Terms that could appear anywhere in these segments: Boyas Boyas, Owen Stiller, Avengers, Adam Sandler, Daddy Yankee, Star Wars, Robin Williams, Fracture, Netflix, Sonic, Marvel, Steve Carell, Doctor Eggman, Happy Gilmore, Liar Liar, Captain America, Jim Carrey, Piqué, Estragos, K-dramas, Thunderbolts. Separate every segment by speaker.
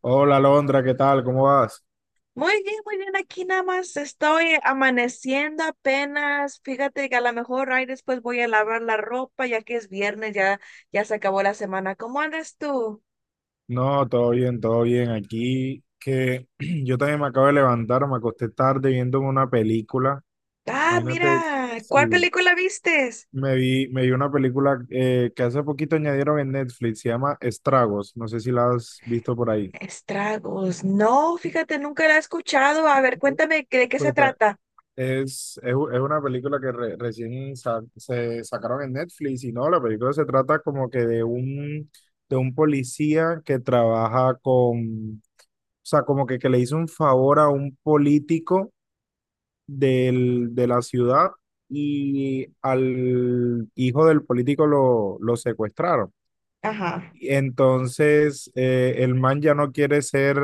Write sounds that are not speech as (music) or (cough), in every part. Speaker 1: Hola Londra, ¿qué tal? ¿Cómo vas?
Speaker 2: Muy bien, muy bien. Aquí nada más estoy amaneciendo apenas. Fíjate que a lo mejor ahí después voy a lavar la ropa, ya que es viernes, ya se acabó la semana. ¿Cómo andas tú?
Speaker 1: No, todo bien, todo bien. Aquí que (clears throat) yo también me acabo de levantar, me acosté tarde viéndome una película.
Speaker 2: Ah,
Speaker 1: Imagínate,
Speaker 2: mira, ¿cuál
Speaker 1: sí,
Speaker 2: película vistes?
Speaker 1: me vi una película que hace poquito añadieron en Netflix, se llama Estragos. No sé si la has visto por ahí.
Speaker 2: Estragos. No, fíjate, nunca la he escuchado. A ver, cuéntame de qué se
Speaker 1: Pues, ta-
Speaker 2: trata.
Speaker 1: es una película que recién se sacaron en Netflix y no, la película se trata como que de un policía que trabaja con. O sea, como que le hizo un favor a un político del, de la ciudad y al hijo del político lo secuestraron.
Speaker 2: Ajá,
Speaker 1: Y entonces, el man ya no quiere ser,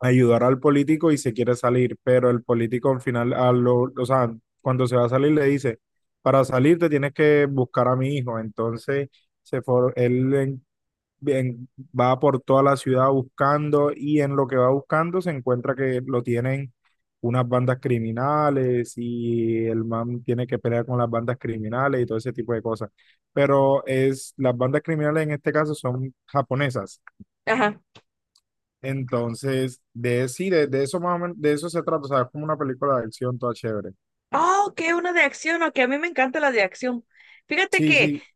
Speaker 1: ayudar al político y se quiere salir, pero el político al final, o sea, cuando se va a salir le dice, para salir te tienes que buscar a mi hijo. Entonces, se for- él en- Bien, va por toda la ciudad buscando y en lo que va buscando se encuentra que lo tienen unas bandas criminales y el man tiene que pelear con las bandas criminales y todo ese tipo de cosas. Pero las bandas criminales en este caso son japonesas.
Speaker 2: ajá.
Speaker 1: Entonces, sí, de eso más o menos, de eso se trata. O sea, es como una película de acción toda chévere.
Speaker 2: Oh, que una de acción, ok, a mí me encanta la de acción. Fíjate
Speaker 1: Sí,
Speaker 2: que
Speaker 1: sí,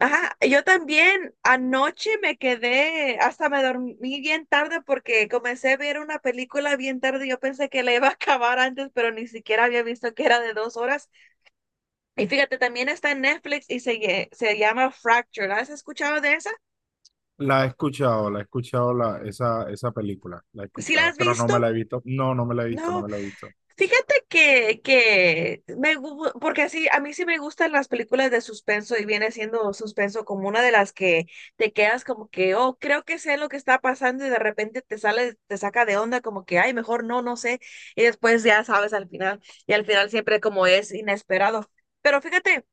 Speaker 2: ajá, yo también anoche me quedé, hasta me dormí bien tarde porque comencé a ver una película bien tarde. Yo pensé que la iba a (laughs) acabar antes, pero ni siquiera había visto que era de dos horas. Y fíjate, también está en Netflix y se llama Fracture. ¿Has escuchado de esa?
Speaker 1: la he escuchado esa película, la he
Speaker 2: ¿Sí la
Speaker 1: escuchado,
Speaker 2: has
Speaker 1: pero no me
Speaker 2: visto?
Speaker 1: la he visto. No, no me la he visto, no
Speaker 2: No,
Speaker 1: me la he visto.
Speaker 2: fíjate que me, porque así a mí sí me gustan las películas de suspenso y viene siendo suspenso como una de las que te quedas como que, oh, creo que sé lo que está pasando y de repente te sale, te saca de onda como que, ay, mejor no, no sé. Y después ya sabes al final y al final siempre como es inesperado. Pero fíjate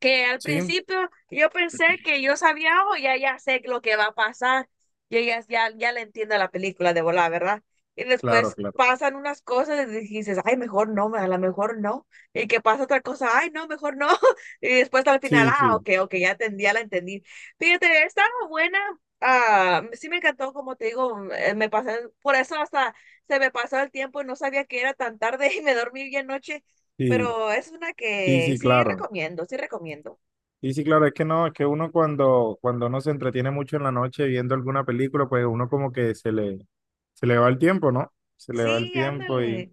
Speaker 2: que al
Speaker 1: Sí,
Speaker 2: principio yo pensé que yo sabía, o ya sé lo que va a pasar, yo ya le entiendo a la película de volar, ¿verdad? Y
Speaker 1: claro,
Speaker 2: después
Speaker 1: claro.
Speaker 2: pasan unas cosas y dices, ay, mejor no, a lo mejor no, y que pasa otra cosa, ay, no, mejor no, (laughs) y después al final,
Speaker 1: Sí,
Speaker 2: ah,
Speaker 1: sí,
Speaker 2: ok, ok, ya entendí, ya la entendí. Fíjate, estaba buena, ah, sí me encantó, como te digo, me pasé, por eso hasta se me pasó el tiempo y no sabía que era tan tarde (laughs) y me dormí bien noche,
Speaker 1: sí,
Speaker 2: pero es una
Speaker 1: sí,
Speaker 2: que
Speaker 1: sí,
Speaker 2: sí
Speaker 1: claro.
Speaker 2: recomiendo, sí recomiendo.
Speaker 1: Sí, sí, claro, es que no, es que uno cuando, uno se entretiene mucho en la noche viendo alguna película, pues uno como que se le va el tiempo, ¿no? Se le va el
Speaker 2: Sí,
Speaker 1: tiempo y
Speaker 2: ándale.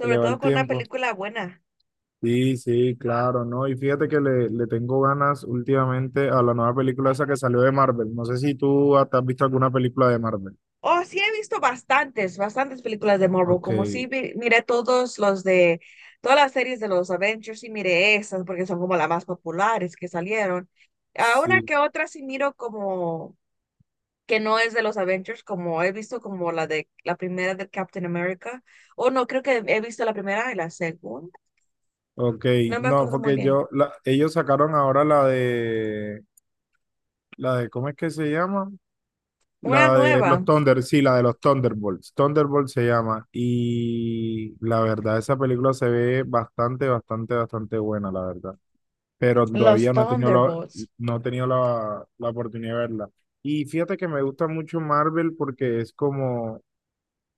Speaker 1: se le va el
Speaker 2: todo con una
Speaker 1: tiempo.
Speaker 2: película buena.
Speaker 1: Sí, sí, claro, ¿no? Y fíjate que le tengo ganas últimamente a la nueva película esa que salió de Marvel. No sé si tú hasta has visto alguna película de Marvel.
Speaker 2: Oh, sí he visto bastantes, bastantes películas de Marvel.
Speaker 1: Ok,
Speaker 2: Como miré todos los de, todas las series de los Avengers, sí miré esas porque son como las más populares que salieron. A una
Speaker 1: sí,
Speaker 2: que otra sí miro como que no es de los Avengers, como he visto como la de la primera de Captain America. O no, creo que he visto la primera y la segunda.
Speaker 1: ok.
Speaker 2: No me
Speaker 1: No,
Speaker 2: acuerdo muy
Speaker 1: porque
Speaker 2: bien.
Speaker 1: yo, ellos sacaron ahora la de, ¿cómo es que se llama?
Speaker 2: Una
Speaker 1: La de
Speaker 2: nueva.
Speaker 1: los Thunder, sí, la de los Thunderbolts. Thunderbolts se llama. Y la verdad, esa película se ve bastante, bastante, bastante buena, la verdad. Pero
Speaker 2: Los
Speaker 1: todavía no he tenido
Speaker 2: Thunderbolts.
Speaker 1: la oportunidad de verla. Y fíjate que me gusta mucho Marvel porque es como,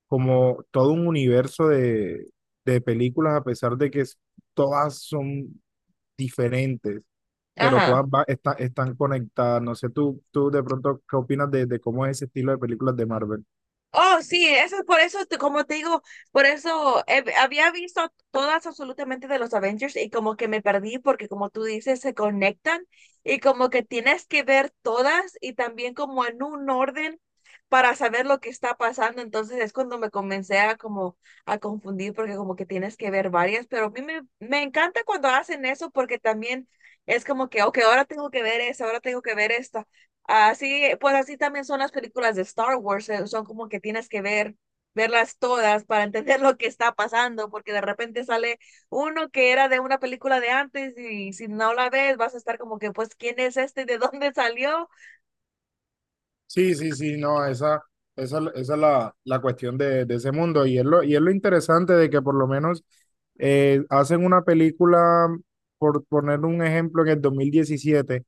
Speaker 1: todo un universo de películas, a pesar de que todas son diferentes, pero
Speaker 2: Ajá.
Speaker 1: todas están conectadas. No sé, tú de pronto, ¿qué opinas de cómo es ese estilo de películas de Marvel?
Speaker 2: Oh, sí, eso es por eso, como te digo, por eso había visto todas absolutamente de los Avengers y como que me perdí porque como tú dices, se conectan y como que tienes que ver todas y también como en un orden para saber lo que está pasando. Entonces es cuando me comencé a como a confundir porque como que tienes que ver varias, pero a mí me encanta cuando hacen eso porque también es como que, ok, ahora tengo que ver esa, ahora tengo que ver esta. Así, pues así también son las películas de Star Wars, son como que tienes que ver, verlas todas para (laughs) entender lo que está pasando, porque de repente sale uno que era de una película de antes y si no la ves vas a estar como que, pues, ¿quién es este? ¿De (laughs) dónde salió?
Speaker 1: Sí, sí, sí, no, esa, esa es la cuestión de ese mundo. Y es lo interesante de que por lo menos hacen una película, por poner un ejemplo, en el 2017,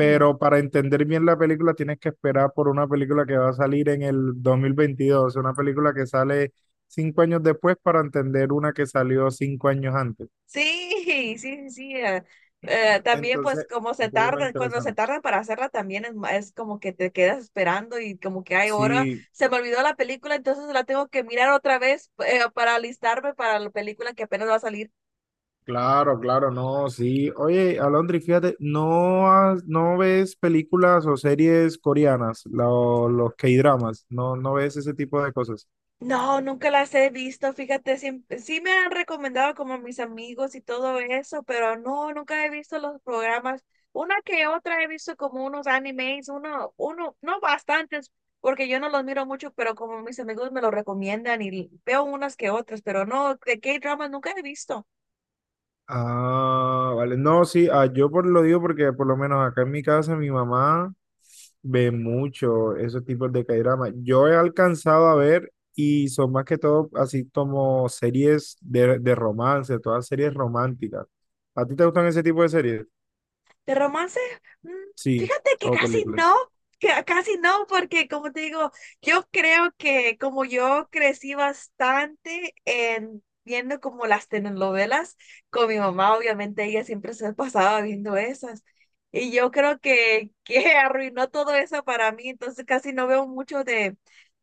Speaker 2: Ujú.
Speaker 1: para entender bien la película tienes que esperar por una película que va a salir en el 2022, una película que sale 5 años después para entender una que salió 5 años antes.
Speaker 2: Sí, sí, sí. También pues
Speaker 1: Entonces,
Speaker 2: como se
Speaker 1: es lo
Speaker 2: tardan, cuando se
Speaker 1: interesante.
Speaker 2: tardan para hacerla también es como que te quedas esperando y como que hay hora,
Speaker 1: Sí,
Speaker 2: se me olvidó la película, entonces la tengo que mirar otra vez para alistarme para la película que apenas va a salir.
Speaker 1: claro, claro, no, sí. Oye, Alondri, fíjate, ¿no, no ves películas o series coreanas, los K-dramas? ¿No, no ves ese tipo de cosas?
Speaker 2: No, nunca las he visto, fíjate, siempre, sí me han recomendado como mis amigos y todo eso, pero no, nunca he visto los programas. Una que otra he visto como unos animes, no bastantes, porque yo no los miro mucho, pero como mis amigos me lo recomiendan y veo unas que otras, pero no, de K-dramas nunca he visto.
Speaker 1: Ah, vale. No, sí, lo digo porque por lo menos acá en mi casa mi mamá ve mucho esos tipos de K-dramas. Yo he alcanzado a ver y son más que todo así como series de romance, todas series románticas. ¿A ti te gustan ese tipo de series?
Speaker 2: De romance, mm,
Speaker 1: Sí,
Speaker 2: fíjate
Speaker 1: o películas.
Speaker 2: que casi no, porque como te digo, yo creo que como yo crecí bastante en viendo como las telenovelas con mi mamá, obviamente ella siempre se pasaba viendo esas. Y yo creo que (laughs) arruinó todo eso para mí, entonces casi no veo mucho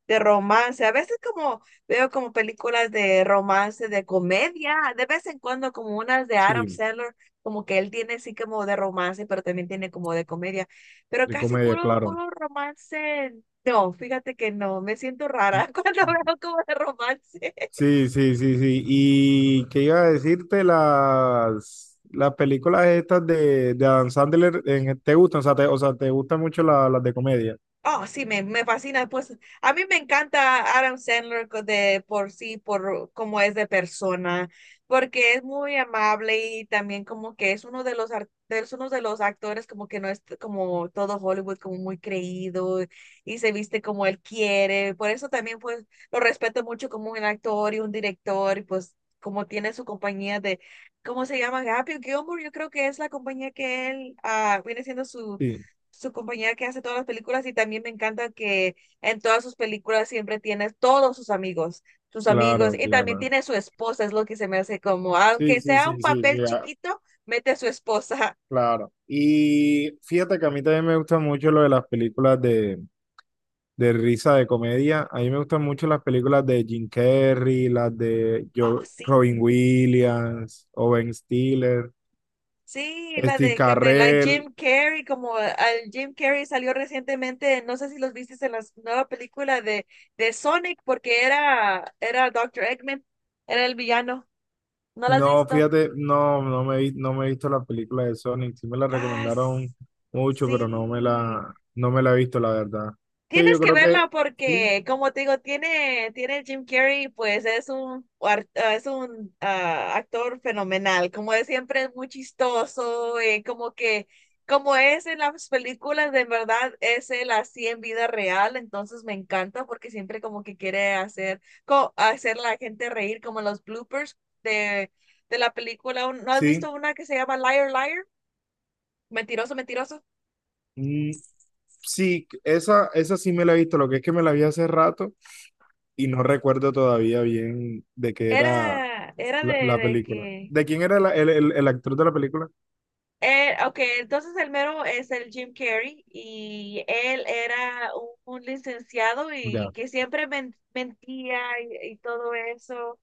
Speaker 2: de romance. A veces como veo como películas de romance, de comedia, de vez en cuando como unas de Adam
Speaker 1: Sí.
Speaker 2: Sandler como que él tiene sí como de romance, pero también tiene como de comedia. Pero
Speaker 1: De
Speaker 2: casi
Speaker 1: comedia,
Speaker 2: puro,
Speaker 1: claro.
Speaker 2: puro romance. No, fíjate que no, me siento rara (laughs) cuando veo como de romance.
Speaker 1: Sí, sí, sí, sí. Y qué iba a decirte las, películas estas de Adam Sandler, ¿te gustan? O sea, ¿te gustan mucho las de comedia?
Speaker 2: Oh, sí, me fascina. Pues a mí me encanta Adam Sandler de por sí, por cómo es de persona, porque es muy amable y también como que es uno de los es uno de los actores como que no es como todo Hollywood, como muy creído y se viste como él quiere. Por eso también pues lo respeto mucho como un actor y un director y pues como tiene su compañía de, ¿cómo se llama? Happy Gilmore, yo creo que es la compañía que él viene siendo
Speaker 1: Sí,
Speaker 2: su compañera que hace todas las películas y también me encanta que en todas sus películas siempre tiene todos sus amigos
Speaker 1: claro,
Speaker 2: y también
Speaker 1: claro.
Speaker 2: tiene su esposa, es lo que se me hace como,
Speaker 1: Sí,
Speaker 2: aunque
Speaker 1: sí,
Speaker 2: sea
Speaker 1: sí,
Speaker 2: un
Speaker 1: sí, sí,
Speaker 2: papel chiquito, mete a su esposa. (laughs)
Speaker 1: claro. Y fíjate que a mí también me gusta mucho lo de las películas de risa de comedia. A mí me gustan mucho las películas de Jim Carrey, las de
Speaker 2: Ah, sí,
Speaker 1: Robin Williams, Owen Stiller.
Speaker 2: sí, la
Speaker 1: Steve
Speaker 2: de Camela,
Speaker 1: Carell.
Speaker 2: Jim Carrey, como al Jim Carrey salió recientemente, no sé si los viste en la nueva película de Sonic, porque era Doctor Eggman, era el villano, ¿no la has
Speaker 1: No,
Speaker 2: visto?
Speaker 1: fíjate, no, no me he visto la película de Sonic. Sí me la
Speaker 2: Ah,
Speaker 1: recomendaron mucho, pero
Speaker 2: sí.
Speaker 1: no me la he visto, la verdad. Que
Speaker 2: Tienes
Speaker 1: yo
Speaker 2: que
Speaker 1: creo que
Speaker 2: verla
Speaker 1: sí,
Speaker 2: porque, como te digo, tiene, tiene Jim Carrey, pues es un, es un actor fenomenal. Como de siempre, es muy chistoso, como que, como es en las películas, de verdad es él así en vida real. Entonces me encanta porque siempre como que quiere hacer, hacer la gente reír, como los bloopers de, de la película. ¿No has
Speaker 1: sí,
Speaker 2: visto una que se llama Liar Liar? Mentiroso, mentiroso.
Speaker 1: mm, sí, esa, sí me la he visto. Lo que es que me la vi hace rato y no recuerdo todavía bien de qué era
Speaker 2: Era, era de
Speaker 1: la
Speaker 2: de
Speaker 1: película.
Speaker 2: que
Speaker 1: ¿De quién era el actor de la película?
Speaker 2: Ok, entonces el mero es el Jim Carrey y él era un licenciado y
Speaker 1: Ya,
Speaker 2: que siempre mentía y todo eso.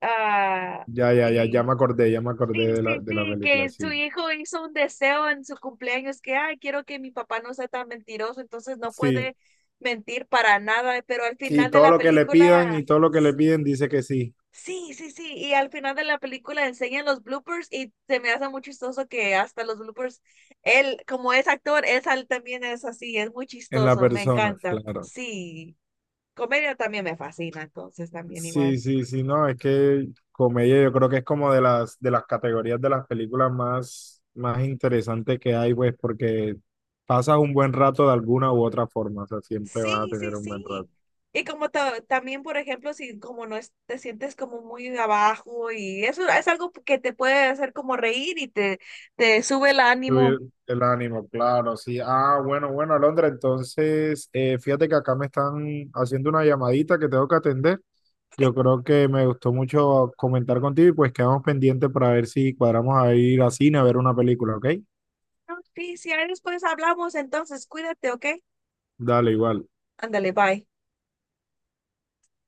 Speaker 2: Ah,
Speaker 1: ya, ya, ya,
Speaker 2: y
Speaker 1: ya me acordé
Speaker 2: sí, sí,
Speaker 1: de la
Speaker 2: sí, que
Speaker 1: película,
Speaker 2: su
Speaker 1: sí.
Speaker 2: hijo hizo un deseo en su cumpleaños que, ay, quiero que mi papá no sea tan mentiroso, entonces no
Speaker 1: Sí,
Speaker 2: puede mentir para nada, pero al
Speaker 1: sí,
Speaker 2: final de
Speaker 1: todo
Speaker 2: la
Speaker 1: lo que le pidan y
Speaker 2: película
Speaker 1: todo lo que le piden dice que sí.
Speaker 2: sí, sí, sí, y al final de la película enseñan los bloopers y se me hace muy chistoso que hasta los bloopers, él, como es actor, también es así, es muy
Speaker 1: En la
Speaker 2: chistoso, me
Speaker 1: persona,
Speaker 2: encanta.
Speaker 1: claro.
Speaker 2: Sí, comedia también me fascina, entonces también
Speaker 1: Sí,
Speaker 2: igual.
Speaker 1: sí, sí, no, es que comedia yo creo que es como de las categorías de las películas más interesantes que hay, pues, porque pasas un buen rato de alguna u otra forma, o sea, siempre vas a
Speaker 2: Sí, sí,
Speaker 1: tener un buen rato.
Speaker 2: sí. Y como también, por ejemplo, si como no es- te sientes como muy abajo y eso es algo que te puede hacer como reír y te sube el
Speaker 1: Subir
Speaker 2: ánimo.
Speaker 1: el ánimo, claro, sí. Ah, bueno, bueno, Alondra, entonces, fíjate que acá me están haciendo una llamadita que tengo que atender. Yo creo que me gustó mucho comentar contigo y pues quedamos pendientes para ver si cuadramos a ir a cine a ver una película, ¿ok?
Speaker 2: No, sí, si ahí después hablamos, entonces cuídate, ¿ok?
Speaker 1: Dale, igual.
Speaker 2: Ándale, bye.